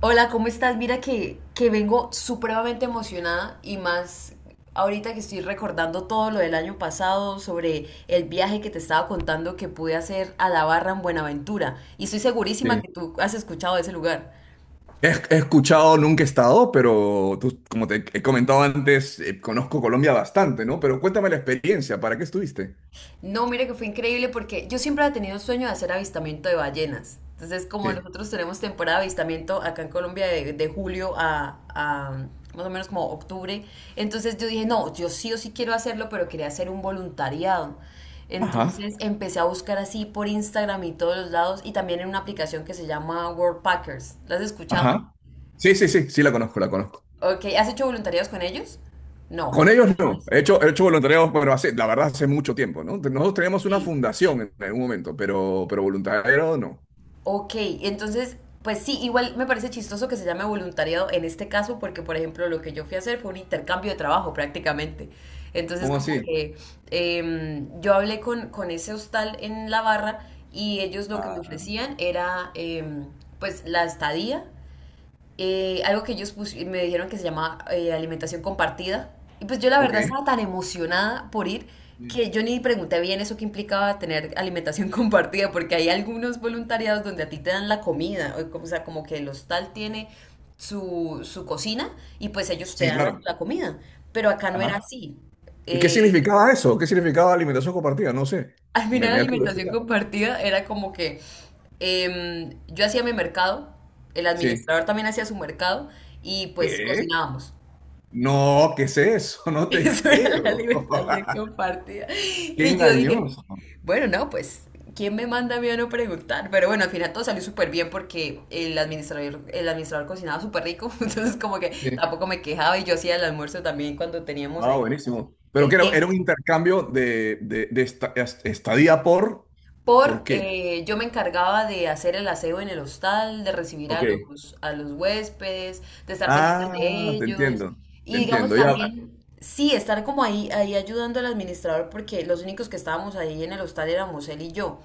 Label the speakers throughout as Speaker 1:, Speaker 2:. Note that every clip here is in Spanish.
Speaker 1: Hola, ¿cómo estás? Mira que vengo supremamente emocionada y más ahorita que estoy recordando todo lo del año pasado sobre el viaje que te estaba contando que pude hacer a La Barra en Buenaventura. Y estoy segurísima
Speaker 2: Sí.
Speaker 1: que tú has escuchado de ese lugar.
Speaker 2: He escuchado, nunca he estado, pero como te he comentado antes, conozco Colombia bastante, ¿no? Pero cuéntame la experiencia, ¿para qué estuviste?
Speaker 1: No, mire que fue increíble porque yo siempre había tenido el sueño de hacer avistamiento de ballenas. Entonces, como
Speaker 2: Sí.
Speaker 1: nosotros tenemos temporada de avistamiento acá en Colombia de julio a más o menos como octubre, entonces yo dije, no, yo sí o sí quiero hacerlo, pero quería hacer un voluntariado.
Speaker 2: Ajá,
Speaker 1: Entonces empecé a buscar así por Instagram y todos los lados y también en una aplicación que se llama World Packers. ¿La has escuchado?
Speaker 2: ajá. Sí, sí, sí, sí la conozco, la conozco.
Speaker 1: Ok, ¿has hecho voluntariados con ellos? No.
Speaker 2: Con
Speaker 1: Tú
Speaker 2: ellos
Speaker 1: no.
Speaker 2: no. He hecho voluntariado, pero hace, la verdad, hace mucho tiempo, ¿no? Nosotros teníamos una
Speaker 1: Sí.
Speaker 2: fundación en algún momento, pero voluntariado no.
Speaker 1: Ok, entonces, pues sí, igual me parece chistoso que se llame voluntariado en este caso, porque por ejemplo lo que yo fui a hacer fue un intercambio de trabajo prácticamente. Entonces
Speaker 2: ¿Cómo
Speaker 1: como
Speaker 2: así?
Speaker 1: que yo hablé con ese hostal en la barra y ellos lo que me
Speaker 2: Ah,
Speaker 1: ofrecían era pues la estadía algo que ellos me dijeron que se llama alimentación compartida. Y pues yo la verdad
Speaker 2: ok.
Speaker 1: estaba tan emocionada por ir
Speaker 2: Sí,
Speaker 1: que yo ni pregunté bien eso que implicaba tener alimentación compartida, porque hay algunos voluntariados donde a ti te dan la comida, o sea, como que el hostal tiene su cocina y pues ellos te
Speaker 2: sí,
Speaker 1: dan la,
Speaker 2: claro.
Speaker 1: la comida. Pero acá no era
Speaker 2: Ajá.
Speaker 1: así.
Speaker 2: ¿Y qué
Speaker 1: Eh,
Speaker 2: significaba eso? ¿Qué significaba alimentación compartida? No sé.
Speaker 1: al
Speaker 2: Me,
Speaker 1: final la
Speaker 2: me da
Speaker 1: alimentación
Speaker 2: curiosidad.
Speaker 1: compartida era como que yo hacía mi mercado, el
Speaker 2: Sí.
Speaker 1: administrador también hacía su mercado y pues
Speaker 2: ¿Qué?
Speaker 1: cocinábamos.
Speaker 2: No, ¿qué es eso? No te
Speaker 1: Eso era la
Speaker 2: creo.
Speaker 1: alimentación compartida.
Speaker 2: Qué
Speaker 1: Y yo dije,
Speaker 2: engañoso.
Speaker 1: bueno, no, pues, ¿quién me manda a mí a no preguntar? Pero bueno, al final todo salió súper bien porque el administrador cocinaba súper rico, entonces como que
Speaker 2: Sí.
Speaker 1: tampoco me quejaba y yo hacía el almuerzo también cuando teníamos
Speaker 2: Ah,
Speaker 1: ahí
Speaker 2: buenísimo. Pero que
Speaker 1: el
Speaker 2: era, era
Speaker 1: tiempo.
Speaker 2: un intercambio de estadía ¿por
Speaker 1: Por
Speaker 2: qué?
Speaker 1: Yo me encargaba de hacer el aseo en el hostal, de recibir a
Speaker 2: Ok.
Speaker 1: los, a los huéspedes, de estar pendiente de
Speaker 2: Ah, te
Speaker 1: ellos
Speaker 2: entiendo. Te
Speaker 1: y digamos
Speaker 2: entiendo. Ya.
Speaker 1: también, sí, estar como ahí ayudando al administrador porque los únicos que estábamos ahí en el hostal éramos él y yo.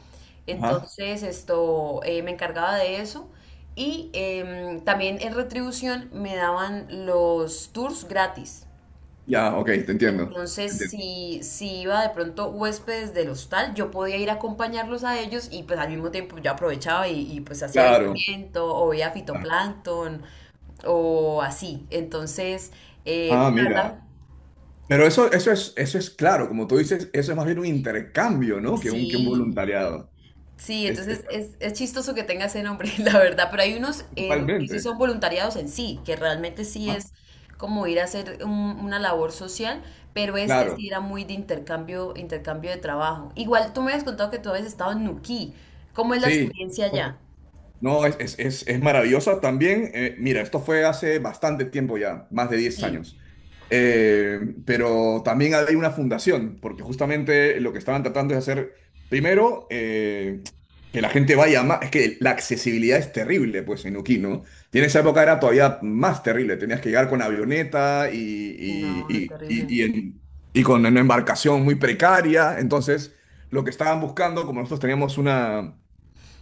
Speaker 2: Ajá.
Speaker 1: Entonces esto, me encargaba de eso y también en retribución me daban los tours gratis.
Speaker 2: Ya, ok, te entiendo.
Speaker 1: Entonces,
Speaker 2: Te entiendo.
Speaker 1: si iba de pronto huéspedes del hostal, yo podía ir a acompañarlos a ellos y pues al mismo tiempo yo aprovechaba y, pues hacía
Speaker 2: Claro.
Speaker 1: avistamiento o veía fitoplancton o así. Entonces,
Speaker 2: Ah,
Speaker 1: pues, la
Speaker 2: mira.
Speaker 1: verdad,
Speaker 2: Pero eso es claro, como tú dices, eso es más bien un intercambio, ¿no? Que un
Speaker 1: sí.
Speaker 2: voluntariado.
Speaker 1: Sí,
Speaker 2: Es- es-
Speaker 1: entonces es chistoso que tenga ese nombre, la verdad, pero hay unos que sí
Speaker 2: totalmente.
Speaker 1: son voluntariados en sí, que realmente sí
Speaker 2: Ah,
Speaker 1: es como ir a hacer una labor social, pero este
Speaker 2: claro.
Speaker 1: sí era muy de intercambio, intercambio de trabajo. Igual tú me habías contado que tú habías estado en Nuquí, ¿cómo es la
Speaker 2: Sí.
Speaker 1: experiencia allá?
Speaker 2: No, es maravillosa también. Mira, esto fue hace bastante tiempo ya, más de diez
Speaker 1: Sí,
Speaker 2: años. Eh, pero también hay una fundación, porque justamente lo que estaban tratando es hacer, primero, que la gente vaya más, es que la accesibilidad es terrible, pues en Uquí, ¿no? Y en esa época era todavía más terrible, tenías que llegar con avioneta
Speaker 1: no, es terrible.
Speaker 2: y con una embarcación muy precaria, entonces lo que estaban buscando, como nosotros teníamos una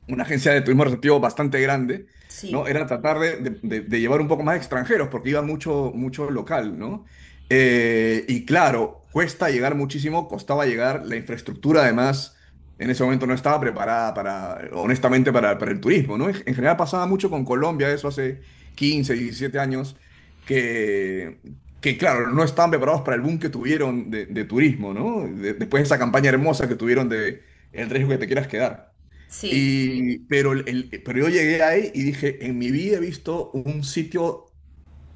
Speaker 2: una agencia de turismo receptivo bastante grande, ¿no?
Speaker 1: Sí,
Speaker 2: Era tratar de llevar un poco más extranjeros, porque iba mucho, mucho local, ¿no? Y claro, cuesta llegar muchísimo, costaba llegar, la infraestructura además en ese momento no estaba preparada para, honestamente, para el turismo, ¿no? En general pasaba mucho con Colombia, eso hace 15 17 años, que... Que claro, no estaban preparados para el boom que tuvieron de turismo, ¿no? Después de esa campaña hermosa que tuvieron de "El riesgo que te quieras quedar".
Speaker 1: sí,
Speaker 2: Y, pero, pero yo llegué ahí y dije, en mi vida he visto un sitio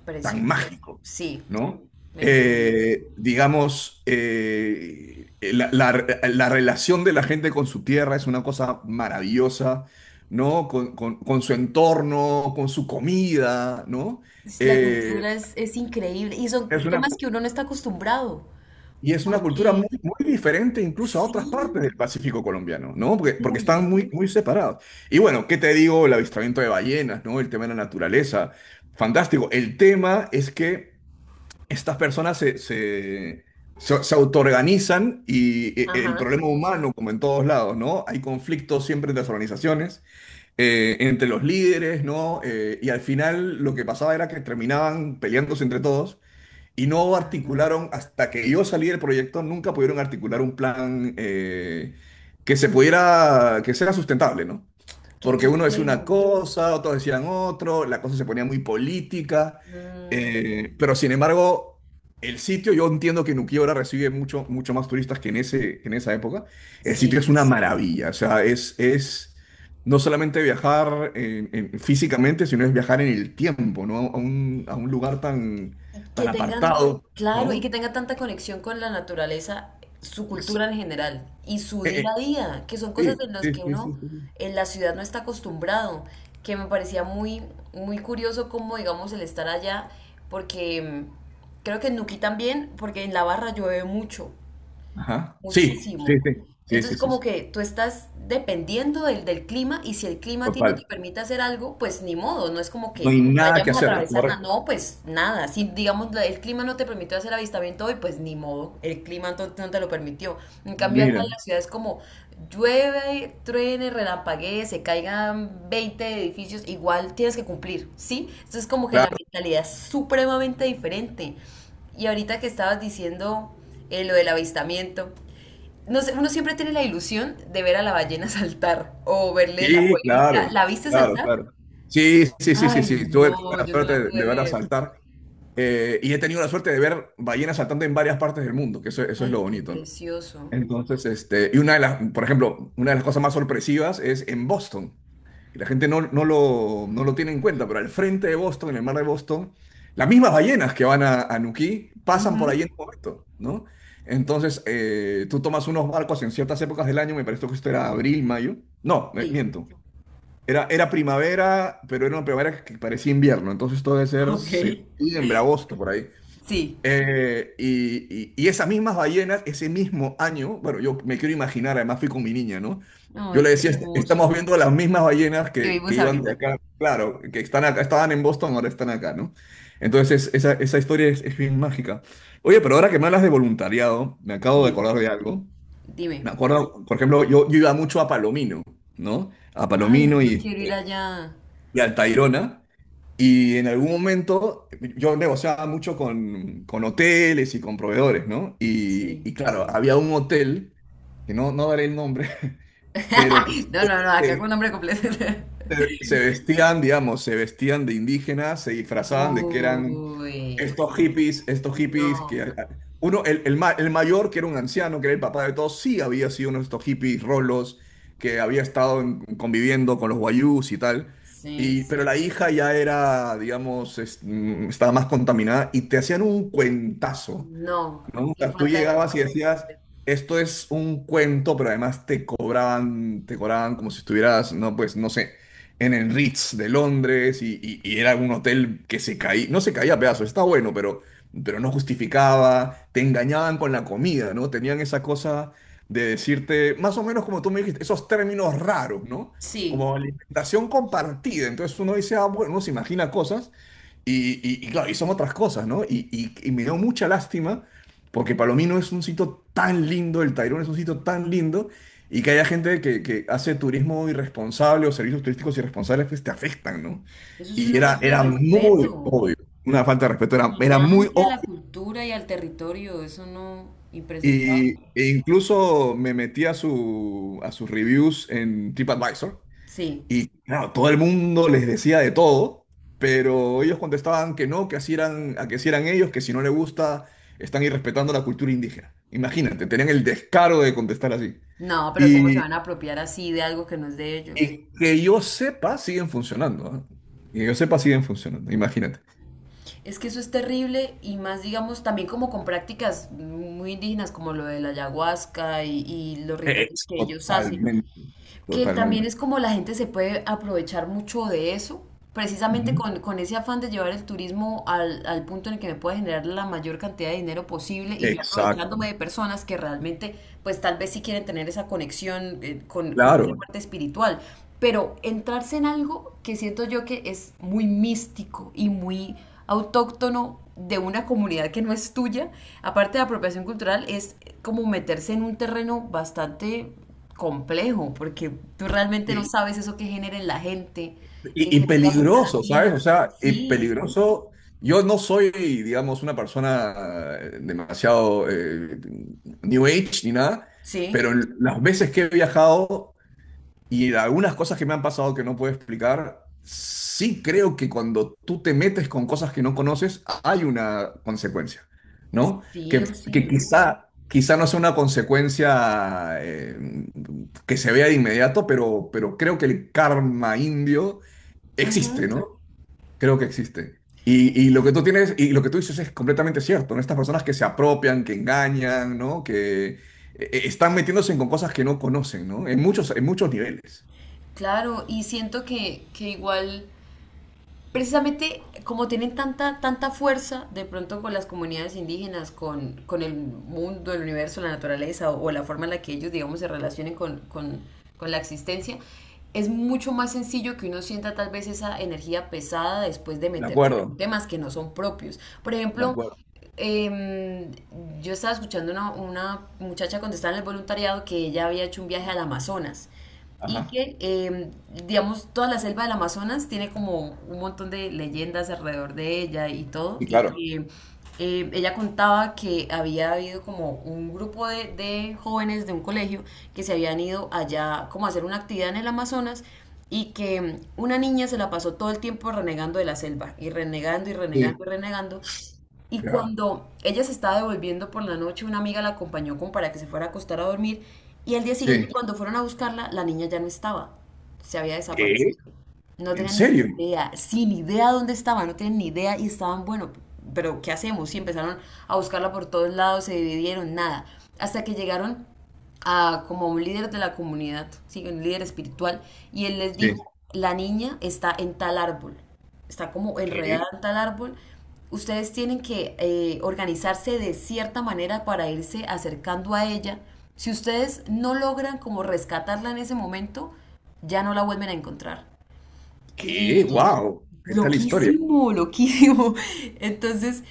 Speaker 1: precioso.
Speaker 2: tan mágico,
Speaker 1: Sí,
Speaker 2: ¿no?
Speaker 1: me imagino.
Speaker 2: Digamos, la relación de la gente con su tierra es una cosa maravillosa, ¿no? Con, con su entorno, con su comida, ¿no?
Speaker 1: La
Speaker 2: Eh,
Speaker 1: cultura es increíble y son
Speaker 2: es una
Speaker 1: temas que uno no está acostumbrado,
Speaker 2: y es una cultura
Speaker 1: porque
Speaker 2: muy, muy diferente incluso a otras
Speaker 1: sí.
Speaker 2: partes del Pacífico colombiano, ¿no? Porque, porque
Speaker 1: Uy,
Speaker 2: están muy, muy separados. Y bueno, ¿qué te digo? El avistamiento de ballenas, ¿no? El tema de la naturaleza. Fantástico. El tema es que estas personas se autoorganizan y el
Speaker 1: ajá,
Speaker 2: problema humano, como en todos lados, ¿no? Hay conflictos siempre entre las organizaciones, entre los líderes, ¿no? Y al final lo que pasaba era que terminaban peleándose entre todos y no
Speaker 1: ah,
Speaker 2: articularon, hasta que yo salí del proyecto, nunca pudieron articular un plan que se pudiera, que sea sustentable, ¿no?
Speaker 1: qué
Speaker 2: Porque uno decía una
Speaker 1: complejo.
Speaker 2: cosa, otros decían otro, la cosa se ponía muy política,
Speaker 1: Mm,
Speaker 2: pero sin embargo, el sitio, yo entiendo que Nuquí ahora recibe mucho, mucho más turistas que en ese, en esa época, el sitio
Speaker 1: sí.
Speaker 2: es una maravilla, o sea, es no solamente viajar físicamente, sino es viajar en el tiempo, ¿no? A un lugar tan
Speaker 1: Y
Speaker 2: tan
Speaker 1: que tengan,
Speaker 2: apartado,
Speaker 1: claro, y
Speaker 2: ¿no?
Speaker 1: que tengan tanta conexión con la naturaleza, su
Speaker 2: Es-
Speaker 1: cultura en general y su día
Speaker 2: eh,
Speaker 1: a día, que son cosas en las
Speaker 2: sí, sí,
Speaker 1: que
Speaker 2: sí, sí,
Speaker 1: uno
Speaker 2: sí. Sí.
Speaker 1: en la ciudad no está acostumbrado, que me parecía muy, muy curioso como, digamos, el estar allá, porque creo que en Nuquí también, porque en La Barra llueve mucho.
Speaker 2: Ajá. Sí,
Speaker 1: Muchísimo.
Speaker 2: sí, sí, sí, sí,
Speaker 1: Entonces,
Speaker 2: sí,
Speaker 1: como
Speaker 2: sí.
Speaker 1: que tú estás dependiendo del clima y si el clima a ti no te
Speaker 2: Total.
Speaker 1: permite hacer algo, pues ni modo, no es como
Speaker 2: No
Speaker 1: que
Speaker 2: hay nada que
Speaker 1: vayamos a
Speaker 2: hacer, es
Speaker 1: atravesar nada,
Speaker 2: correcto.
Speaker 1: no, pues nada. Si, digamos, el clima no te permitió hacer avistamiento hoy, pues ni modo, el clima no, no te lo permitió. En cambio, acá en
Speaker 2: Mira,
Speaker 1: la ciudad es como llueve, truene, relampaguee, se caigan 20 edificios, igual tienes que cumplir, ¿sí? Entonces, como que la
Speaker 2: claro,
Speaker 1: mentalidad es supremamente diferente. Y ahorita que estabas diciendo lo del avistamiento. No sé, uno siempre tiene la ilusión de ver a la ballena saltar o verle la
Speaker 2: sí, claro,
Speaker 1: colita. ¿La viste
Speaker 2: claro,
Speaker 1: saltar?
Speaker 2: claro. Sí, sí, sí, sí,
Speaker 1: Ay,
Speaker 2: sí. Tuve
Speaker 1: no,
Speaker 2: la
Speaker 1: yo no
Speaker 2: suerte
Speaker 1: la pude
Speaker 2: de ver a
Speaker 1: ver.
Speaker 2: saltar y he tenido la suerte de ver ballenas saltando en varias partes del mundo, que eso es
Speaker 1: Ay,
Speaker 2: lo
Speaker 1: qué
Speaker 2: bonito, ¿no?
Speaker 1: precioso.
Speaker 2: Entonces, este, y una de las, por ejemplo, una de las cosas más sorpresivas es en Boston. Y la gente no lo tiene en cuenta, pero al frente de Boston, en el mar de Boston, las mismas ballenas que van a Nuquí pasan por
Speaker 1: Ujú,
Speaker 2: ahí en un momento, ¿no? Entonces, tú tomas unos barcos en ciertas épocas del año, me parece que esto era abril, mayo. No,
Speaker 1: sí.
Speaker 2: miento. Era, era primavera, pero era una primavera que parecía invierno, entonces esto debe ser
Speaker 1: Ok.
Speaker 2: septiembre, agosto, por ahí.
Speaker 1: Sí.
Speaker 2: Y esas mismas ballenas, ese mismo año, bueno, yo me quiero imaginar, además fui con mi niña, ¿no? Yo
Speaker 1: Ay,
Speaker 2: le
Speaker 1: qué
Speaker 2: decía,
Speaker 1: hermoso.
Speaker 2: Estamos viendo las mismas ballenas
Speaker 1: ¿Qué
Speaker 2: que
Speaker 1: vimos
Speaker 2: iban de
Speaker 1: ahorita?
Speaker 2: acá, claro, que están acá, estaban en Boston, ahora están acá", ¿no? Entonces, esa historia es bien mágica. Oye, pero ahora que me hablas de voluntariado, me acabo de
Speaker 1: Sí.
Speaker 2: acordar de algo.
Speaker 1: Dime.
Speaker 2: Me acuerdo, por ejemplo, yo iba mucho a Palomino, ¿no? A
Speaker 1: Ay,
Speaker 2: Palomino y,
Speaker 1: yo quiero ir
Speaker 2: este,
Speaker 1: allá.
Speaker 2: y al Tayrona. Y en algún momento yo negociaba mucho con hoteles y con proveedores, ¿no?
Speaker 1: Sí.
Speaker 2: Y claro, había un hotel, que no daré el nombre, pero
Speaker 1: No, no, no, acá
Speaker 2: que
Speaker 1: con nombre completo.
Speaker 2: se vestían, digamos, se vestían de indígenas, se disfrazaban de que eran
Speaker 1: Uy,
Speaker 2: estos hippies
Speaker 1: no.
Speaker 2: que... Uno, el mayor, que era un anciano, que era el papá de todos, sí había sido uno de estos hippies rolos que había estado conviviendo con los guayús y tal.
Speaker 1: Sí.
Speaker 2: Y, pero la hija ya era, digamos, estaba más contaminada y te hacían un cuentazo.
Speaker 1: No.
Speaker 2: No, o
Speaker 1: Qué
Speaker 2: sea, tú
Speaker 1: falta de
Speaker 2: llegabas y
Speaker 1: respeto.
Speaker 2: decías, esto es un cuento, pero además te cobraban como si estuvieras, no, pues, no sé, en el Ritz de Londres y, y era un hotel que se caía, no se caía a pedazos, está bueno, pero no justificaba, te engañaban con la comida, ¿no? Tenían esa cosa de decirte, más o menos como tú me dijiste, esos términos raros, ¿no?
Speaker 1: Sí.
Speaker 2: Como alimentación compartida. Entonces uno dice, ah, bueno, uno se imagina cosas. Y, y claro, y son otras cosas, ¿no? Y, y me dio mucha lástima porque Palomino es un sitio tan lindo, el Tayrona es un sitio tan lindo, y que haya gente que hace turismo irresponsable o servicios turísticos irresponsables, pues te afectan, ¿no?
Speaker 1: Eso es
Speaker 2: Y
Speaker 1: una
Speaker 2: era,
Speaker 1: falta de
Speaker 2: era sí, muy
Speaker 1: respeto
Speaker 2: obvio, una falta de respeto, era, era muy
Speaker 1: gigante a la
Speaker 2: obvio.
Speaker 1: cultura y al territorio. Eso no, impresentable.
Speaker 2: Y, e incluso me metí a, su, a sus reviews en TripAdvisor.
Speaker 1: Sí.
Speaker 2: Y claro, todo el mundo les decía de todo, pero ellos contestaban que no, que así eran, a que así eran ellos, que si no le gusta, están irrespetando la cultura indígena. Imagínate, tenían el descaro de contestar así.
Speaker 1: No, pero ¿cómo se
Speaker 2: Y,
Speaker 1: van a apropiar así de algo que no es de ellos?
Speaker 2: y que yo sepa, siguen funcionando, ¿ah? Que yo sepa, siguen funcionando, imagínate.
Speaker 1: Es que eso es terrible y más, digamos, también como con prácticas muy indígenas como lo de la ayahuasca y los rituales
Speaker 2: Es
Speaker 1: que ellos hacen.
Speaker 2: totalmente,
Speaker 1: Que también
Speaker 2: totalmente.
Speaker 1: es como la gente se puede aprovechar mucho de eso, precisamente
Speaker 2: Ujú.
Speaker 1: con ese afán de llevar el turismo al punto en el que me pueda generar la mayor cantidad de dinero posible y yo
Speaker 2: Exacto,
Speaker 1: aprovechándome de personas que realmente, pues tal vez sí quieren tener esa conexión con esa
Speaker 2: claro.
Speaker 1: parte espiritual. Pero entrarse en algo que siento yo que es muy místico y muy autóctono de una comunidad que no es tuya, aparte de apropiación cultural, es como meterse en un terreno bastante complejo, porque tú realmente no sabes eso que genera en la gente, que,
Speaker 2: Y
Speaker 1: que te puede afectar a
Speaker 2: peligroso, ¿sabes? O
Speaker 1: ti.
Speaker 2: sea, y
Speaker 1: Sí,
Speaker 2: peligroso. Yo no soy, digamos, una persona demasiado New Age ni nada,
Speaker 1: sí,
Speaker 2: pero las veces que he viajado y algunas cosas que me han pasado que no puedo explicar, sí creo que cuando tú te metes con cosas que no conoces, hay una consecuencia, ¿no?
Speaker 1: sí o
Speaker 2: Que
Speaker 1: sí.
Speaker 2: quizá, quizá no sea una consecuencia que se vea de inmediato, pero creo que el karma indio existe,
Speaker 1: Ujú.
Speaker 2: ¿no? Creo que existe. Y lo que tú tienes, y lo que tú dices es completamente cierto, ¿no? Estas personas que se apropian, que engañan, ¿no? Que están metiéndose con cosas que no conocen, ¿no? En muchos niveles.
Speaker 1: Claro, y siento que igual precisamente como tienen tanta, tanta fuerza de pronto con las comunidades indígenas, con el mundo, el universo, la naturaleza o, la forma en la que ellos, digamos, se relacionen con, la existencia, es mucho más sencillo que uno sienta tal vez esa energía pesada después de
Speaker 2: De
Speaker 1: meterse con
Speaker 2: acuerdo,
Speaker 1: temas que no son propios. Por
Speaker 2: de
Speaker 1: ejemplo,
Speaker 2: acuerdo.
Speaker 1: eh, yo estaba escuchando una muchacha contestar en el voluntariado que ella había hecho un viaje al Amazonas y
Speaker 2: Ajá.
Speaker 1: que, digamos, toda la selva del Amazonas tiene como un montón de leyendas alrededor de ella y todo,
Speaker 2: Y
Speaker 1: y
Speaker 2: claro.
Speaker 1: que ella contaba que había habido como un grupo de jóvenes de un colegio que se habían ido allá como a hacer una actividad en el Amazonas y que una niña se la pasó todo el tiempo renegando de la selva y renegando y renegando y
Speaker 2: Sí,
Speaker 1: renegando y
Speaker 2: claro.
Speaker 1: cuando ella se estaba devolviendo por la noche, una amiga la acompañó como para que se fuera a acostar a dormir. Y al día siguiente,
Speaker 2: Sí,
Speaker 1: cuando fueron a buscarla, la niña ya no estaba. Se había desaparecido.
Speaker 2: ¿qué?
Speaker 1: No
Speaker 2: ¿En
Speaker 1: tenían ni
Speaker 2: serio?
Speaker 1: idea, sin idea dónde estaba, no tenían ni idea y estaban, bueno, pero ¿qué hacemos? Y empezaron a buscarla por todos lados, se dividieron, nada. Hasta que llegaron a, como un líder de la comunidad, ¿sí? Un líder espiritual, y él les dijo,
Speaker 2: Sí.
Speaker 1: la niña está en tal árbol, está como enredada
Speaker 2: ¿Qué?
Speaker 1: en tal árbol, ustedes tienen que organizarse de cierta manera para irse acercando a ella. Si ustedes no logran como rescatarla en ese momento, ya no la vuelven a encontrar.
Speaker 2: ¿Qué?
Speaker 1: Y
Speaker 2: ¡Wow! ¿Qué tal historia?
Speaker 1: loquísimo, loquísimo. Entonces,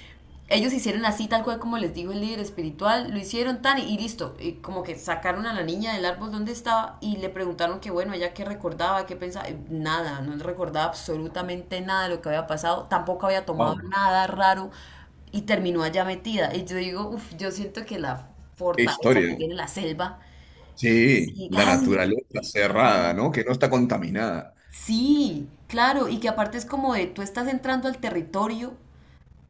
Speaker 1: ellos hicieron así, tal cual como les dijo el líder espiritual, lo hicieron tan y listo. Y como que sacaron a la niña del árbol donde estaba y le preguntaron que, bueno, ella qué recordaba, qué pensaba. Nada, no recordaba absolutamente nada de lo que había pasado, tampoco había tomado
Speaker 2: Wow.
Speaker 1: nada raro y terminó allá metida. Y yo digo, uff, yo siento que la
Speaker 2: ¿Qué
Speaker 1: fortaleza que
Speaker 2: historia?
Speaker 1: tiene la selva es
Speaker 2: Sí, la
Speaker 1: gigante.
Speaker 2: naturaleza cerrada, ¿no? Que no está contaminada.
Speaker 1: Sí, claro, y que aparte es como de tú estás entrando al territorio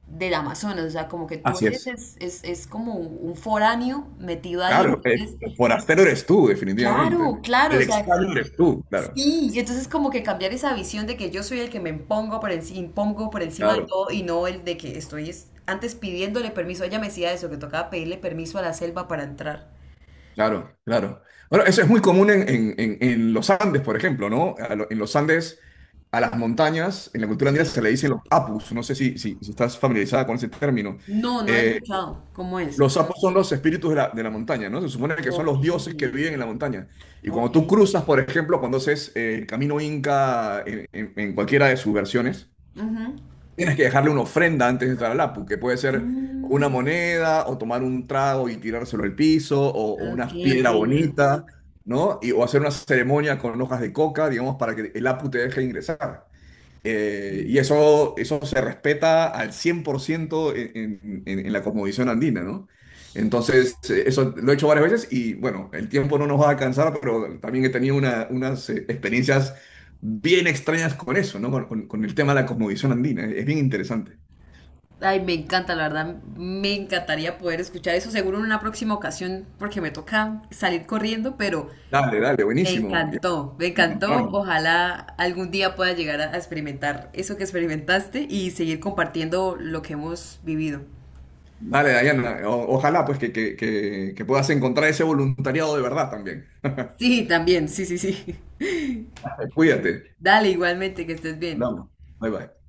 Speaker 1: del Amazonas, o sea, como que tú
Speaker 2: Así
Speaker 1: eres,
Speaker 2: es.
Speaker 1: es como un foráneo metido
Speaker 2: Claro,
Speaker 1: ahí,
Speaker 2: el
Speaker 1: entonces,
Speaker 2: forastero eres tú, definitivamente.
Speaker 1: claro, claro,
Speaker 2: El
Speaker 1: o sea,
Speaker 2: extraño eres tú, claro,
Speaker 1: sí, y entonces como que cambiar esa visión de que yo soy el que me impongo por, impongo por encima de
Speaker 2: claro,
Speaker 1: todo y no el de que estoy antes pidiéndole permiso, ella me decía eso, que tocaba pedirle permiso a la selva para entrar.
Speaker 2: claro, claro. Bueno, eso es muy común en, en los Andes, por ejemplo, ¿no? En los Andes, a las montañas, en la cultura andina
Speaker 1: Sí.
Speaker 2: se le dicen los apus, no sé si, si, si estás familiarizada con ese término.
Speaker 1: No, no he
Speaker 2: Eh,
Speaker 1: escuchado, ¿cómo es?
Speaker 2: los apus son los espíritus de la montaña, ¿no? Se supone que son
Speaker 1: Ok,
Speaker 2: los dioses que viven en la montaña. Y
Speaker 1: ok.
Speaker 2: cuando tú cruzas, por ejemplo, cuando haces el camino inca en en cualquiera de sus versiones,
Speaker 1: Ujú.
Speaker 2: tienes que dejarle una ofrenda antes de entrar al Apu, que puede ser una
Speaker 1: Mm.
Speaker 2: moneda, o tomar un trago y tirárselo al piso, o
Speaker 1: Ok,
Speaker 2: una piedra
Speaker 1: entiendo.
Speaker 2: bonita, ¿no? Y, o hacer una ceremonia con hojas de coca, digamos, para que el Apu te deje ingresar. Y eso se respeta al 100% en, en la cosmovisión andina, ¿no? Entonces, eso lo he hecho varias veces y bueno, el tiempo no nos va a alcanzar, pero también he tenido unas experiencias bien extrañas con eso, ¿no? Con, con el tema de la cosmovisión andina. Es bien interesante.
Speaker 1: Ay, me encanta, la verdad, me encantaría poder escuchar eso, seguro en una próxima ocasión, porque me toca salir corriendo, pero
Speaker 2: Dale, dale,
Speaker 1: me
Speaker 2: buenísimo. Ya
Speaker 1: encantó, me
Speaker 2: nos
Speaker 1: encantó.
Speaker 2: encontramos.
Speaker 1: Ojalá algún día pueda llegar a experimentar eso que experimentaste y seguir compartiendo lo que hemos vivido.
Speaker 2: Dale, Dayana. Ojalá pues que puedas encontrar ese voluntariado de verdad también.
Speaker 1: Sí, también, sí, sí, sí.
Speaker 2: Cuídate.
Speaker 1: Dale, igualmente, que estés bien.
Speaker 2: Hablamos. Bye bye.